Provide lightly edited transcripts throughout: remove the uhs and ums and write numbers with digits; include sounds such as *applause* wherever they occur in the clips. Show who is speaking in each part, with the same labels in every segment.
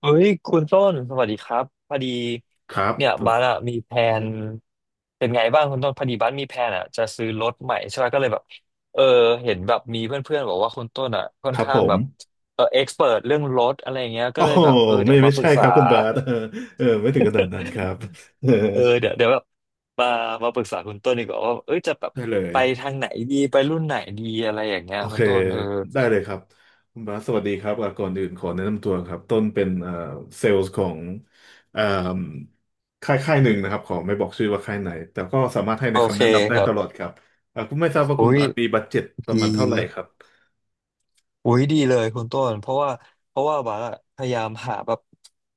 Speaker 1: เฮ้ยคุณต้นสวัสดีครับพอดี
Speaker 2: ครับ
Speaker 1: เนี่ยบ้านอะมีแพลนเป็นไงบ้างคุณต้นพอดีบ้านมีแพลนอะจะซื้อรถใหม่ใช่ไหมก็เลยแบบเออเห็นแบบมีเพื่อนๆบอกว่าคุณต้นอะค่อ
Speaker 2: ค
Speaker 1: น
Speaker 2: รับ
Speaker 1: ข้า
Speaker 2: ผ
Speaker 1: งแบ
Speaker 2: ม
Speaker 1: บเออเอ็กซ์เเรื่องรถอะไรเงี้ยก็
Speaker 2: โอ้
Speaker 1: เลย
Speaker 2: โห
Speaker 1: แบบเดี๋
Speaker 2: ไม่
Speaker 1: ยว
Speaker 2: ไม่
Speaker 1: มาปรึ
Speaker 2: ใช่
Speaker 1: ก
Speaker 2: ค
Speaker 1: ษา
Speaker 2: รับคุณบาส *laughs* เออ
Speaker 1: *laughs*
Speaker 2: เออไม่ถึงขนาดนั้นครับ *laughs* เออ
Speaker 1: เออเดี๋ยวเดี๋ยวแบบมามาปรึกษาคุณต้นดีกว่าว่าเอ้ยจะแบบ
Speaker 2: ได้เลย
Speaker 1: ไปทางไหนดีไปรุ่นไหนดีอะไรอย่างเงี้ย
Speaker 2: โอ
Speaker 1: คุ
Speaker 2: เค
Speaker 1: ณต้น
Speaker 2: ได้เลยครับคุณบาสสวัสดีครับอ่ะก่อนอื่นขอแนะนำตัวครับต้นเป็นเซลล์ของเอ่มค่ายค่ายหนึ่งนะครับขอไม่บอกชื่อว่าค่ายไหนแต่ก็สามารถให้ใน
Speaker 1: โอ
Speaker 2: คำ
Speaker 1: เค
Speaker 2: แนะนำได้
Speaker 1: ครั
Speaker 2: ต
Speaker 1: บ
Speaker 2: ลอดครับอ่ะคุณไม่ทราบว่า
Speaker 1: อุ้
Speaker 2: คุณ
Speaker 1: ย
Speaker 2: บาสมีบัดเจ็ตป
Speaker 1: ดี
Speaker 2: ระมาณเท่าไหร่ครับ
Speaker 1: อุ้ยดีเลยคุณต้นเพราะว่าบาร์อะพยายามหาแบบ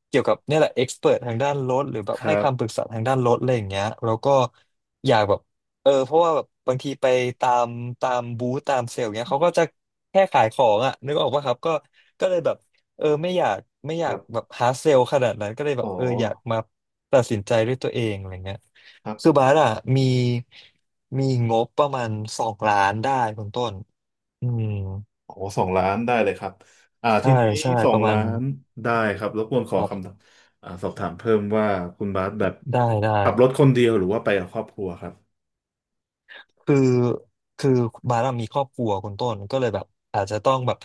Speaker 1: เกี่ยวกับเนี่ยแหละเอ็กซ์เพรทางด้านรถหรือแบบ
Speaker 2: ครั
Speaker 1: ให้
Speaker 2: บ
Speaker 1: คำปรึกษาทางด้านรถอะไรอย่างเงี้ยแล้วก็อยากแบบเพราะว่าแบบบางทีไปตามตามบูธตามเซลล์เงี้ยเขาก็จะแค่ขายของอ่ะนึกออกปะครับก็เลยแบบไม่อยาก
Speaker 2: ครับ
Speaker 1: แบบหาเซลล์ขนาดนั้นก็เลยแบ
Speaker 2: อ๋
Speaker 1: บ
Speaker 2: อ
Speaker 1: อยากมาตัดสินใจด้วยตัวเองอะไรเงี้ย
Speaker 2: ครั
Speaker 1: คือ
Speaker 2: บ
Speaker 1: บาร์อะมีมีงบประมาณสองล้านได้คุณต้นอืม
Speaker 2: โอ้สองล้านได้เลยครับ อ่าที
Speaker 1: ใช่
Speaker 2: นี้
Speaker 1: ใช่
Speaker 2: สอ
Speaker 1: ป
Speaker 2: ง
Speaker 1: ระมา
Speaker 2: ล้า
Speaker 1: ณ
Speaker 2: นได้ครับรบกวนขอ
Speaker 1: ครั
Speaker 2: ค
Speaker 1: บ
Speaker 2: ำอ่าสอบถามเพิ่มว่าคุณบาสแบบ
Speaker 1: ได้ได้
Speaker 2: ขับรถคนเดียวหรือว่าไปกับครอบครัวครับ
Speaker 1: คือคือบาร์มีครอบครัวคุณต้นก็เลยแบบอาจจะต้องแบบ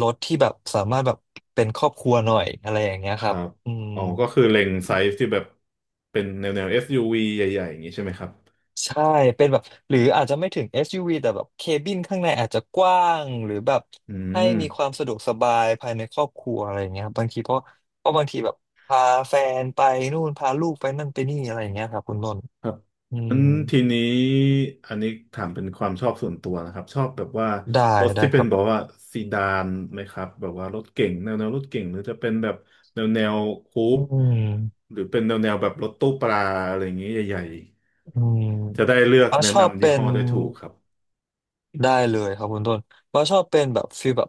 Speaker 1: รถที่แบบสามารถแบบเป็นครอบครัวหน่อยอะไรอย่างเงี้ย
Speaker 2: ค
Speaker 1: ครั
Speaker 2: รั
Speaker 1: บ
Speaker 2: บ
Speaker 1: อืม
Speaker 2: อ๋อก็คือเล็งไซส์ที่แบบเป็นแนว SUV ใหญ่ๆอย่างนี้ใช่ไหมครับ
Speaker 1: ใช่เป็นแบบหรืออาจจะไม่ถึง SUV แต่แบบเคบินข้างในอาจจะกว้างหรือแบบ
Speaker 2: อื
Speaker 1: ให้
Speaker 2: ม
Speaker 1: มีความสะดวกสบายภายในครอบครัวอะไรอย่างเงี้ยครับบางทีเพราะบางทีแบบพาแฟนไปนู่นพาลูกไปนั่นไปนี่อะไรอย่างเงี้ยครับคุณต้น
Speaker 2: ครับ
Speaker 1: อืม
Speaker 2: งั้นทีนี้อันนี้ถามเป็นความชอบส่วนตัวนะครับชอบแบบว่า
Speaker 1: ได้
Speaker 2: รถ
Speaker 1: ได้
Speaker 2: ที่
Speaker 1: ค
Speaker 2: เป็น
Speaker 1: รับ
Speaker 2: แบอกว่าซีดานไหมครับแบบว่ารถเก๋งแนวรถเก๋งหรือจะเป็นแบบแนวคู
Speaker 1: อื
Speaker 2: ป
Speaker 1: ม
Speaker 2: หรือเป็นแนวแบบรถตู้ปลาอะไรอย่างเงี้ยใหญ่
Speaker 1: อืม
Speaker 2: ๆจะได้เลือก
Speaker 1: ว่า
Speaker 2: แนะ
Speaker 1: ชอบ
Speaker 2: นำ
Speaker 1: เป็
Speaker 2: ยี่ห้
Speaker 1: น
Speaker 2: อได้ถูกครับ
Speaker 1: ได้เลยครับคุณต้นว่าชอบเป็นแบบฟีลแบบ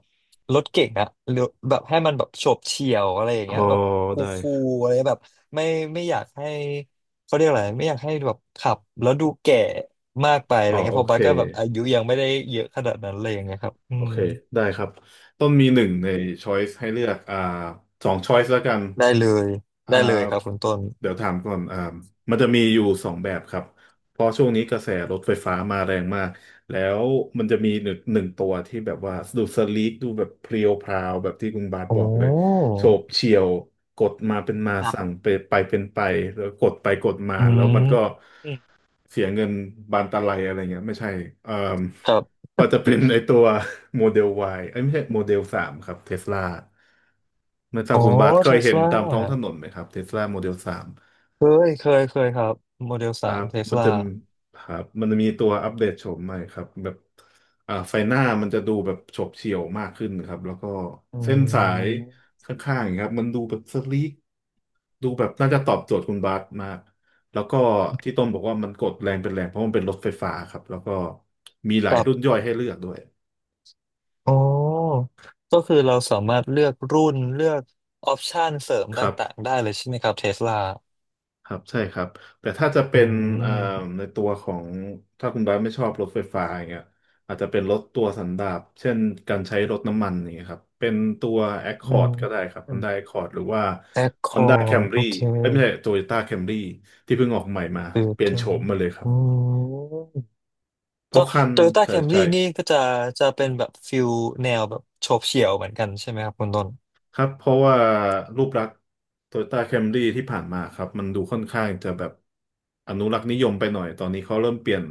Speaker 1: รถเก๋งอะหรือแบบให้มันแบบโฉบเฉี่ยวอะไรอย่าง
Speaker 2: อ๋อ
Speaker 1: เงี้ยแบบค
Speaker 2: ได้
Speaker 1: ู
Speaker 2: ครั
Speaker 1: ลๆ
Speaker 2: บ
Speaker 1: อะไรแบบไม่อยากให้เขาเรียกอะไรไม่อยากให้แบบขับแล้วดูแก่มากไปอะ
Speaker 2: อ๋อ
Speaker 1: ไรเงี้
Speaker 2: โอ
Speaker 1: ยเพราะ
Speaker 2: เค
Speaker 1: บัสก็แบบอายุยังไม่ได้เยอะขนาดนั้นอะไรอย่างเงี้ยครับอื
Speaker 2: โอ
Speaker 1: ม
Speaker 2: เคได้ครับต้นมีหนึ่งในช้อยส์ให้เลือกอ่าสองช้อยส์แล้วกัน
Speaker 1: ได้เลย
Speaker 2: อ
Speaker 1: ได้เลยครับ
Speaker 2: ่า
Speaker 1: คุณต้น
Speaker 2: เดี๋ยวถามก่อนอ่ามันจะมีอยู่สองแบบครับเพราะช่วงนี้กระแสรถไฟฟ้ามาแรงมากแล้วมันจะมีหนึ่งตัวที่แบบว่าดูสลีกดูแบบเพรียวพราวแบบที่คุณบาสบ
Speaker 1: โอ้
Speaker 2: อกเลยโฉบเฉี่ยวกดมาเป็นมา
Speaker 1: อ่ะ
Speaker 2: สั่งไปไปเป็นไปแล้วกดไปกดมา
Speaker 1: อื
Speaker 2: แล้ว
Speaker 1: ม
Speaker 2: มันก็
Speaker 1: อืม
Speaker 2: เสียเงินบานตะไลอะไรเงี้ยไม่ใช่เอ่ม
Speaker 1: ครับ
Speaker 2: เราจะเป็นไอตัว *laughs* โมเดล Y ไอ้ยไม่ใช่โมเดลสามครับเทสลาไม่ทรา
Speaker 1: อ๋
Speaker 2: บ
Speaker 1: อ
Speaker 2: คุณบาทเค
Speaker 1: เท
Speaker 2: ย
Speaker 1: ส
Speaker 2: เห็น
Speaker 1: ลา
Speaker 2: ตามท้องถนนไหมครับเทสลาโมเดลสาม
Speaker 1: เคยเคยเคยครับโมเดล
Speaker 2: ค
Speaker 1: สา
Speaker 2: รั
Speaker 1: ม
Speaker 2: บ
Speaker 1: เทส
Speaker 2: มัน
Speaker 1: ลา
Speaker 2: จะครับมันจะมีตัวอัปเดตโฉมใหม่ครับแบบอ่าไฟหน้ามันจะดูแบบโฉบเฉี่ยวมากขึ้นครับแล้วก็
Speaker 1: อื
Speaker 2: เส้นสาย
Speaker 1: ม
Speaker 2: ข้างๆอย่างเงี้ยครับมันดูแบบสลีกดูแบบน่าจะตอบโจทย์คุณบาสมากแล้วก็ที่ต้นบอกว่ามันกดแรงเป็นแรงเพราะมันเป็นรถไฟฟ้าครับแล้วก็มีหลา
Speaker 1: กั
Speaker 2: ย
Speaker 1: บ
Speaker 2: รุ่นย่อยให้เลือกด้วย
Speaker 1: อ๋อ ก็คือเราสามารถเลือกรุ่นเลือกออปชันเสริม
Speaker 2: ครับ
Speaker 1: ต่างๆได้เลยใช่ไหมครับเทสลา
Speaker 2: ครับใช่ครับแต่ถ้าจะ
Speaker 1: อื
Speaker 2: เป็นเอ่อ
Speaker 1: ม
Speaker 2: ในตัวของถ้าคุณบาสไม่ชอบรถไฟฟ้าอย่างเงี้ยอาจจะเป็นรถตัวสันดาปเช่นการใช้รถน้ำมันอย่างเงี้ยครับเป็นตัว
Speaker 1: อืม
Speaker 2: Accord ก็ได้ครับ Honda Accord หรือว่า
Speaker 1: แอคคอ
Speaker 2: Honda
Speaker 1: ร์ดโอ
Speaker 2: Camry
Speaker 1: เค
Speaker 2: เอ้ยไม่ใช่ Toyota Camry ที่เพิ่งออกใหม่มา
Speaker 1: ตือ
Speaker 2: เปลี่
Speaker 1: ต
Speaker 2: ยน
Speaker 1: ร
Speaker 2: โฉ
Speaker 1: ง
Speaker 2: มมาเลยครั
Speaker 1: อื
Speaker 2: บ
Speaker 1: ม
Speaker 2: เพ
Speaker 1: ก็
Speaker 2: ราะคัน
Speaker 1: โตโยต้า
Speaker 2: ใช่
Speaker 1: แคม
Speaker 2: ใช่
Speaker 1: รี่นี่ก็จะเป็นแบบฟิลแนวแบบโฉบเฉี่ยวเหมือนกันใช่ไหมครับคุณต้น
Speaker 2: ครับเพราะว่ารูปลักษณ์โตโยต้าแคมรี่ที่ผ่านมาครับมันดูค่อนข้างจะแบบอนุรักษ์นิยมไปหน่อยตอนนี้เขาเริ่มเปลี่ยน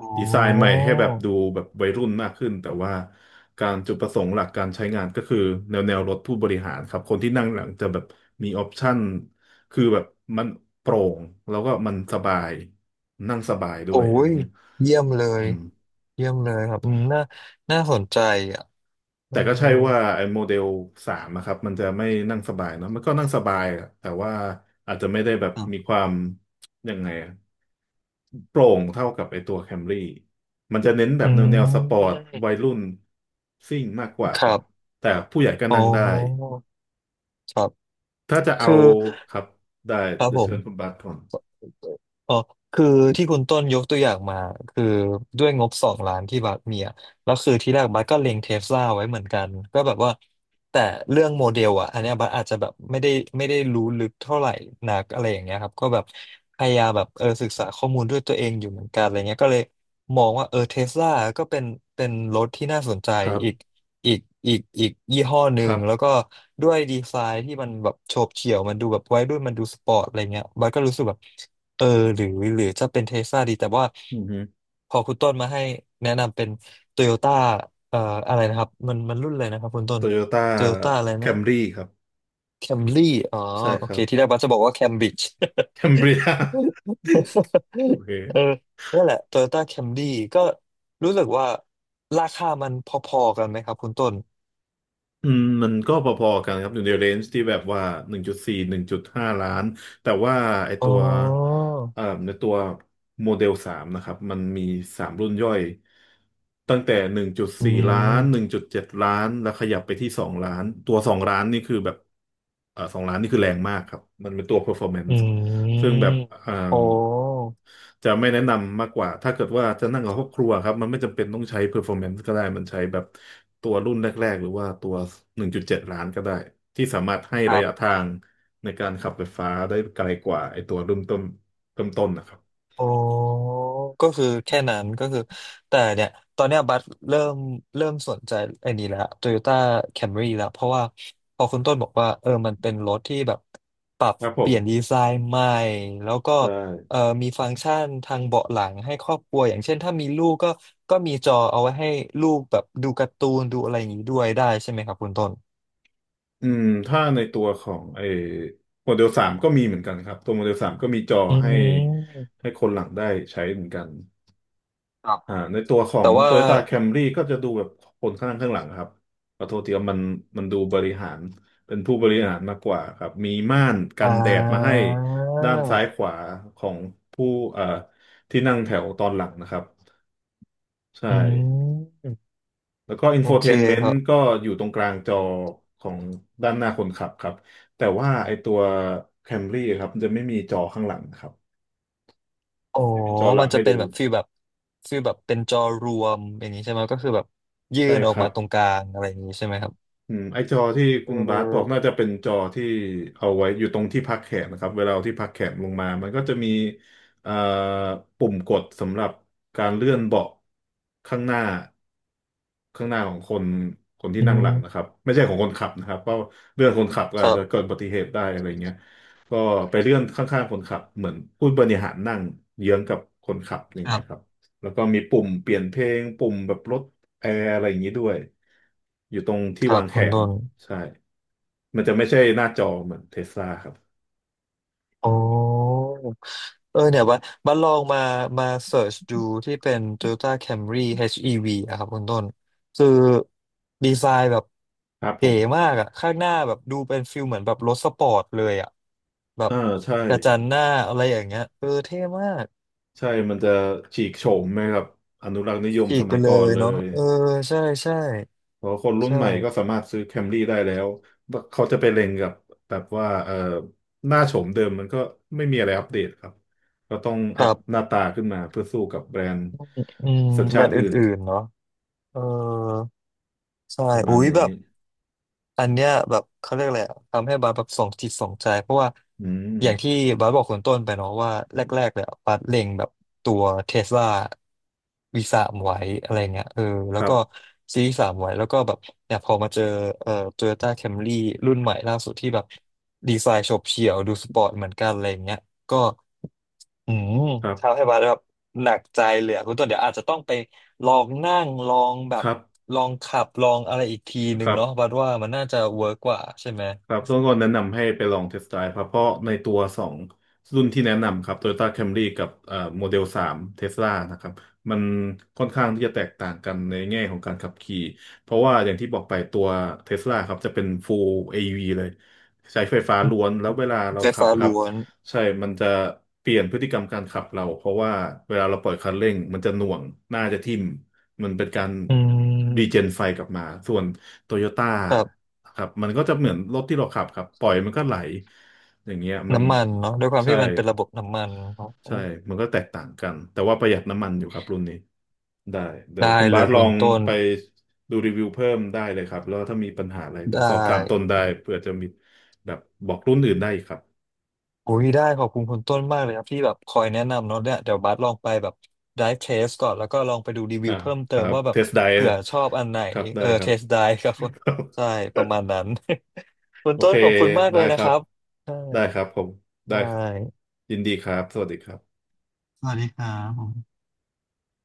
Speaker 1: อ๋
Speaker 2: ดีไซน์ใหม่
Speaker 1: อ
Speaker 2: ให้แบบดูแบบวัยรุ่นมากขึ้นแต่ว่าการจุดประสงค์หลักการใช้งานก็คือแนวรถผู้บริหารครับคนที่นั่งหลังจะแบบมีออปชั n นคือแบบมันโปร่งแล้วก็มันสบายนั่งสบายด้
Speaker 1: โอ้
Speaker 2: วยอะไร
Speaker 1: ย
Speaker 2: เงี้ย
Speaker 1: เยี่ยมเล
Speaker 2: อื
Speaker 1: ย
Speaker 2: ม
Speaker 1: เยี่ยมเลยครับอืมน่าสนใจอ่ะเอ
Speaker 2: แต่ก็ใช่ว่าไอ้โมเดลสามนะครับมันจะไม่นั่งสบายเนอะมันก็นั่งสบายอะแต่ว่าอาจจะไม่ได้แบบมี
Speaker 1: อ
Speaker 2: ความยังไงอะโปร่งเท่ากับไอ้ตัวแคมรี่มันจะเน้นแบ
Speaker 1: อื
Speaker 2: บแนวสปอร์ต
Speaker 1: ม
Speaker 2: วัยรุ่นซิ่งมากกว่า
Speaker 1: ค
Speaker 2: ครั
Speaker 1: รั
Speaker 2: บ
Speaker 1: บ
Speaker 2: แต่ผู้ใหญ่ก็
Speaker 1: อ๋อ
Speaker 2: นั่งได้
Speaker 1: ครับ
Speaker 2: ถ้าจะเอา
Speaker 1: คือ
Speaker 2: ครับได้
Speaker 1: ครับ
Speaker 2: เดี๋ย
Speaker 1: ผ
Speaker 2: ว
Speaker 1: ม
Speaker 2: เชิญคุณบาสก่อน
Speaker 1: อ๋อคือที่คุณต้นยกตัวอย่างมาคือด้วยงบสองล้านที่บัสมีอะแล้วคือที่แรกบัสก็เล็งเทสลาไว้เหมือนกันก็แบบว่าแต่เรื่องโมเดลอ่ะอันเนี้ยบัสอาจจะแบบไม่ได้รู้ลึกเท่าไหร่นักอะไรอย่างเงี้ยครับก็แบบพยายามแบบศึกษาข้อมูลด้วยตัวเองอยู่เหมือนกันอะไรเงี้ยก็เลยมองว่าเทสลาก็เป็นรถที่น่าสนใจ
Speaker 2: ครั
Speaker 1: อีก
Speaker 2: บ
Speaker 1: อีกอีกยี่ห้อห
Speaker 2: ค
Speaker 1: นึ่ง
Speaker 2: รับ
Speaker 1: แล้วก็ด้วยดีไซน์ที่มันแบบโฉบเฉี่ยวมันดูแบบวัยรุ่นมันดูสปอร์ตอะไรเงี้ยบัสก็รู้สึกแบบ เออหรือจะเป็นเทสลาดีแต่ว่า
Speaker 2: อือฮึ
Speaker 1: พอคุณต้นมาให้แนะนำเป็นโตโยต้าเอ่ออะไรนะครับมันรุ่นเลยนะครับคุณต้
Speaker 2: โต
Speaker 1: น
Speaker 2: โยต้า
Speaker 1: โตโยต้าอะไร
Speaker 2: แค
Speaker 1: นะ
Speaker 2: มรี่ครับ
Speaker 1: แคมรี่อ๋อ
Speaker 2: ใช่
Speaker 1: โอ
Speaker 2: ครั
Speaker 1: เค
Speaker 2: บ
Speaker 1: ที่แรกบัสจะบอกว่าแคมบริดจ์
Speaker 2: แคมเบรีย *laughs* โอ
Speaker 1: *laughs* เออ
Speaker 2: เค
Speaker 1: นั่นแหละโตโยต้าแคมรี่ก็รู้สึกว่าราคามันพอๆกันไหมครับคุณต้น
Speaker 2: อืมมันก็พอๆกันครับอยู่ในเรนจ์ที่แบบว่าหนึ่งจุดสี่หนึ่งจุดห้าล้านแต่ว่าไอ
Speaker 1: อ๋อ
Speaker 2: ตัวในตัวโมเดลสามนะครับมันมีสามรุ่นย่อยตั้งแต่หนึ่งจุด
Speaker 1: อื
Speaker 2: สี่ล้านหนึ่ง
Speaker 1: ม
Speaker 2: จุดเจ็ดล้านแล้วขยับไปที่สองล้านตัวสองล้านนี่คือแบบสองล้านนี่คือแรงมากครับมันเป็นตัว
Speaker 1: อื
Speaker 2: performance ซึ่ง
Speaker 1: ม
Speaker 2: แบบอ่า
Speaker 1: โอ้
Speaker 2: จะไม่แนะนำมากกว่าถ้าเกิดว่าจะนั่งกับครอบครัวครับมันไม่จำเป็นต้องใช้ performance ก็ได้มันใช้แบบตัวรุ่นแรกๆหรือว่าตัว 1.7 ล้านก็ได้ที่สามารถให้
Speaker 1: ค
Speaker 2: ระ
Speaker 1: รั
Speaker 2: ยะทา
Speaker 1: บ
Speaker 2: งในการขับไฟฟ้าได้ไกลกว่าไอตัวเริ่มต้นนะครับ
Speaker 1: อ๋อก็คือแค่นั้นก็คือแต่เนี่ยตอนเนี้ยบัสเริ่มสนใจไอ้นี่แล้ว Toyota Camry แล้วเพราะว่าพอคุณต้นบอกว่ามันเป็นรถที่แบบปรับ
Speaker 2: ครับผ
Speaker 1: เป
Speaker 2: ม
Speaker 1: ลี่ยนดีไซน์ใหม่แล้วก็
Speaker 2: ใช่
Speaker 1: มีฟังก์ชันทางเบาะหลังให้ครอบครัวอย่างเช่นถ้ามีลูกก็มีจอเอาไว้ให้ลูกแบบดูการ์ตูนดูอะไรอย่างนี้ด้วยได้ใช่ไหมครับคุณต้น
Speaker 2: อืมถ้าในตัวของไอโมเดลสามก็มีเหมือนกันครับตัวโมเดลสามก็มีจอ
Speaker 1: อื
Speaker 2: ให้
Speaker 1: ม
Speaker 2: ให้คนหลังได้ใช้เหมือนกัน
Speaker 1: ครับ
Speaker 2: อ่าในตัวขอ
Speaker 1: แต่
Speaker 2: ง
Speaker 1: ว่า
Speaker 2: Toyota Camry ก็จะดูแบบคนข้างหน้าข้างหลังครับขอโทษทีครับมันดูบริหารเป็นผู้บริหารมากกว่าครับมีม่านกั
Speaker 1: อ่
Speaker 2: นแดดมาให้
Speaker 1: า
Speaker 2: ด้านซ้ายขวาของผู้เอ่อที่นั่งแถวตอนหลังนะครับใช่
Speaker 1: อืม
Speaker 2: แล้วก็อิน
Speaker 1: โอ
Speaker 2: โฟเท
Speaker 1: เค
Speaker 2: นเมน
Speaker 1: ครั
Speaker 2: ต์ก็
Speaker 1: บ
Speaker 2: อยู่ตรงกลางจอของด้านหน้าคนขับครับแต่ว่าไอตัว Camry ครับมันจะไม่มีจอข้างหลังนะครับ
Speaker 1: อ๋อ
Speaker 2: ไม่มีจอหลั
Speaker 1: มั
Speaker 2: ง
Speaker 1: นจะ
Speaker 2: ให้
Speaker 1: เป็น
Speaker 2: ดู
Speaker 1: แบบฟีลแบบเป็นจอรวมอย่างนี้ใช่ไหมก็คือแบบยื่
Speaker 2: ใช่
Speaker 1: นอ
Speaker 2: ค
Speaker 1: อก
Speaker 2: รั
Speaker 1: มา
Speaker 2: บ
Speaker 1: ตรงกลางอะไรอย่างนี้ใช่ไหมครับ
Speaker 2: อืมไอ้จอที่
Speaker 1: เ
Speaker 2: คุณบาสบอกน่า
Speaker 1: ออ
Speaker 2: จะเป็นจอที่เอาไว้อยู่ตรงที่พักแขนนะครับเวลาเอาที่พักแขนลงมา มันก็จะมีเอ่อปุ่มกดสำหรับการเลื่อนเบาะข้างหน้าข้างหน้าของคนที่
Speaker 1: อื
Speaker 2: นั่งหลังนะค
Speaker 1: ม
Speaker 2: รับไม่ใช่ของคนขับนะครับเพราะเลื่อนคนขับก็
Speaker 1: ค
Speaker 2: อาจ
Speaker 1: รั
Speaker 2: จะเกิ
Speaker 1: บ
Speaker 2: ดอุบัติเหตุได้อะไรเงี้ยก็ไปเลื่อนข้างๆคนขับเหมือนผู้บริหารนั่งเยื้องกับคนขับอย่าง
Speaker 1: ครั
Speaker 2: เงี้ยครั
Speaker 1: บ
Speaker 2: บแล้วก็มีปุ่มเปลี่ยนเพลงปุ่มแบบลด แอร์อะไรอย่างนี้ด้วยอยู่ตรงที่
Speaker 1: ครั
Speaker 2: วา
Speaker 1: บ
Speaker 2: งแข
Speaker 1: คุณ
Speaker 2: น
Speaker 1: ต้น
Speaker 2: ใช่มันจะไม่ใช่หน้าจอเหมือนเทสลาครับ
Speaker 1: อ๋ออเนี่ยว่าบัดลองมาเสิร์ชดูที่เป็น Toyota Camry HEV อชอีวีอะครับคุณต้นคือดีไซน์แบบ
Speaker 2: ครับผ
Speaker 1: เก๋
Speaker 2: ม
Speaker 1: มากอะข้างหน้าแบบดูเป็นฟิลเหมือนแบบรถสปอร์ตเลยอะแบบ
Speaker 2: อ่าใช่
Speaker 1: กระจังหน้าอะไรอย่างเงี้ยเออเท่มาก
Speaker 2: ใช่ มันจะฉีกโฉมไหมครับอนุรักษ์นิยม
Speaker 1: ฉี
Speaker 2: ส
Speaker 1: กไป
Speaker 2: มัย
Speaker 1: เล
Speaker 2: ก่อน
Speaker 1: ย
Speaker 2: เล
Speaker 1: เนาะ
Speaker 2: ย
Speaker 1: เออใช่ใช่
Speaker 2: เพราะคนรุ่น
Speaker 1: ใช่
Speaker 2: ใหม่ก็สามารถซื้อแคมรี่ได้แล้วว่าเขาจะไปเล็งกับแบบว่าหน้าโฉมเดิมมันก็ไม่มีอะไรอัปเดตครับก็ต้อง
Speaker 1: ค
Speaker 2: อัพ
Speaker 1: รั
Speaker 2: ห
Speaker 1: บ
Speaker 2: น้าตาขึ้นมาเพื่อสู้กับแบรนด์
Speaker 1: อืม
Speaker 2: สัญ
Speaker 1: แม
Speaker 2: ชา
Speaker 1: ต
Speaker 2: ติ
Speaker 1: ช์อ
Speaker 2: อื่น
Speaker 1: ื่นๆเนาะเออใช่
Speaker 2: ประมา
Speaker 1: อุ้
Speaker 2: ณ
Speaker 1: ยแบ
Speaker 2: นี้
Speaker 1: บอันเนี้ยแบบเขาเรียกอะไรอะทำให้บาสแบบสองจิตสองใจเพราะว่า
Speaker 2: อืม
Speaker 1: อย่างที่บาสบอกคนต้นไปเนาะว่าแรกๆเลยอะบาสเล็งแบบตัวเทสลาวีสามไว้อะไรเงี้ยแล้
Speaker 2: ค
Speaker 1: ว
Speaker 2: รับ
Speaker 1: ก็ซีสามไว้แล้วก็แบบเนี่ยพอมาเจอโตโยต้าแคมรี่รุ่นใหม่ล่าสุดที่แบบดีไซน์โฉบเฉี่ยวดูสปอร์ตเหมือนกันอะไรเงี้ยก็ อืม
Speaker 2: ครั
Speaker 1: ทำ
Speaker 2: บ
Speaker 1: ให้บัสแบบหนักใจเลยอะคุณต้นเดี๋ยวอาจจะต้องไปลองนั่งลองแบ
Speaker 2: ค
Speaker 1: บ
Speaker 2: รับ
Speaker 1: ลองขับลองอะไรอีกทีห
Speaker 2: ค
Speaker 1: นึ่ง
Speaker 2: รับ
Speaker 1: เนาะบัสว่ามันน่าจะเวิร์กกว่าใช่ไหม
Speaker 2: ครับต้องก็แนะนำให้ไปลองเทสต์ไดรฟ์ครับเพราะในตัวสองรุ่นที่แนะนำครับ Toyota Camry กับโมเดลสามเทสลานะครับมันค่อนข้างที่จะแตกต่างกันในแง่ของการขับขี่เพราะว่าอย่างที่บอกไปตัวเทสลาครับจะเป็น Full AV เลยใช้ไฟฟ้าล้วนแล้วเวลาเรา
Speaker 1: ไฟ
Speaker 2: ขับ
Speaker 1: ฟ้า
Speaker 2: ครับ
Speaker 1: ล้วน
Speaker 2: ใช่มันจะเปลี่ยนพฤติกรรมการขับเราเพราะว่าเวลาเราปล่อยคันเร่งมันจะหน่วงหน้าจะทิ่มมันเป็นการ
Speaker 1: อื
Speaker 2: รีเจน
Speaker 1: ม
Speaker 2: ไฟกลับมาส่วน โตโยต้า
Speaker 1: แบบ
Speaker 2: ครับมันก็จะเหมือนรถที่เราขับครับปล่อยมันก็ไหลอย่างเงี้ยมัน
Speaker 1: น้ำมันเนาะด้วยความ
Speaker 2: ใช่
Speaker 1: ที่มันเป็นระบบน้ำมันเนาะอื
Speaker 2: ใช่
Speaker 1: ม
Speaker 2: มันก็แตกต่างกันแต่ว่าประหยัดน้ำมันอยู่ครับรุ่นนี้ได้เดี๋ย
Speaker 1: ได้
Speaker 2: วคุณ
Speaker 1: เล
Speaker 2: บา
Speaker 1: ย
Speaker 2: สล
Speaker 1: คุ
Speaker 2: อ
Speaker 1: ณ
Speaker 2: ง
Speaker 1: ต้น
Speaker 2: ไปดูรีวิวเพิ่มได้เลยครับแล้วถ้ามีปัญหาอะไรเดี๋
Speaker 1: ได้
Speaker 2: ยวสอบถามต้นได้เผื่อจะมีแบบบอกรุ่นอื่นได้อีกครับ
Speaker 1: โอ้ยได้ขอบคุณคุณต้นมากเลยครับที่แบบคอยแนะนำเนาะเนี่ยเดี๋ยวบาสลองไปแบบ dive test ก่อนแล้วก็ลองไปดูรีวิ
Speaker 2: อ่า
Speaker 1: วเพิ่ม
Speaker 2: ค
Speaker 1: เติ
Speaker 2: รั
Speaker 1: ม
Speaker 2: บ
Speaker 1: ว่าแบ
Speaker 2: เท
Speaker 1: บ
Speaker 2: สได
Speaker 1: เผื่อชอบอันไหน
Speaker 2: ครับได้ครับ
Speaker 1: test dive ครับ
Speaker 2: *laughs* ครั
Speaker 1: ใช่
Speaker 2: บ
Speaker 1: ประมาณนั้น *laughs* คุณ
Speaker 2: โอ
Speaker 1: ต้
Speaker 2: เค
Speaker 1: นขอบคุณมากเล
Speaker 2: ได้
Speaker 1: ย
Speaker 2: ค
Speaker 1: นะค
Speaker 2: รับ
Speaker 1: รับได้
Speaker 2: ได้ครับผมได้
Speaker 1: ได้
Speaker 2: ครับยินดีครับสวัสดีครับ
Speaker 1: สวัสดีครับผม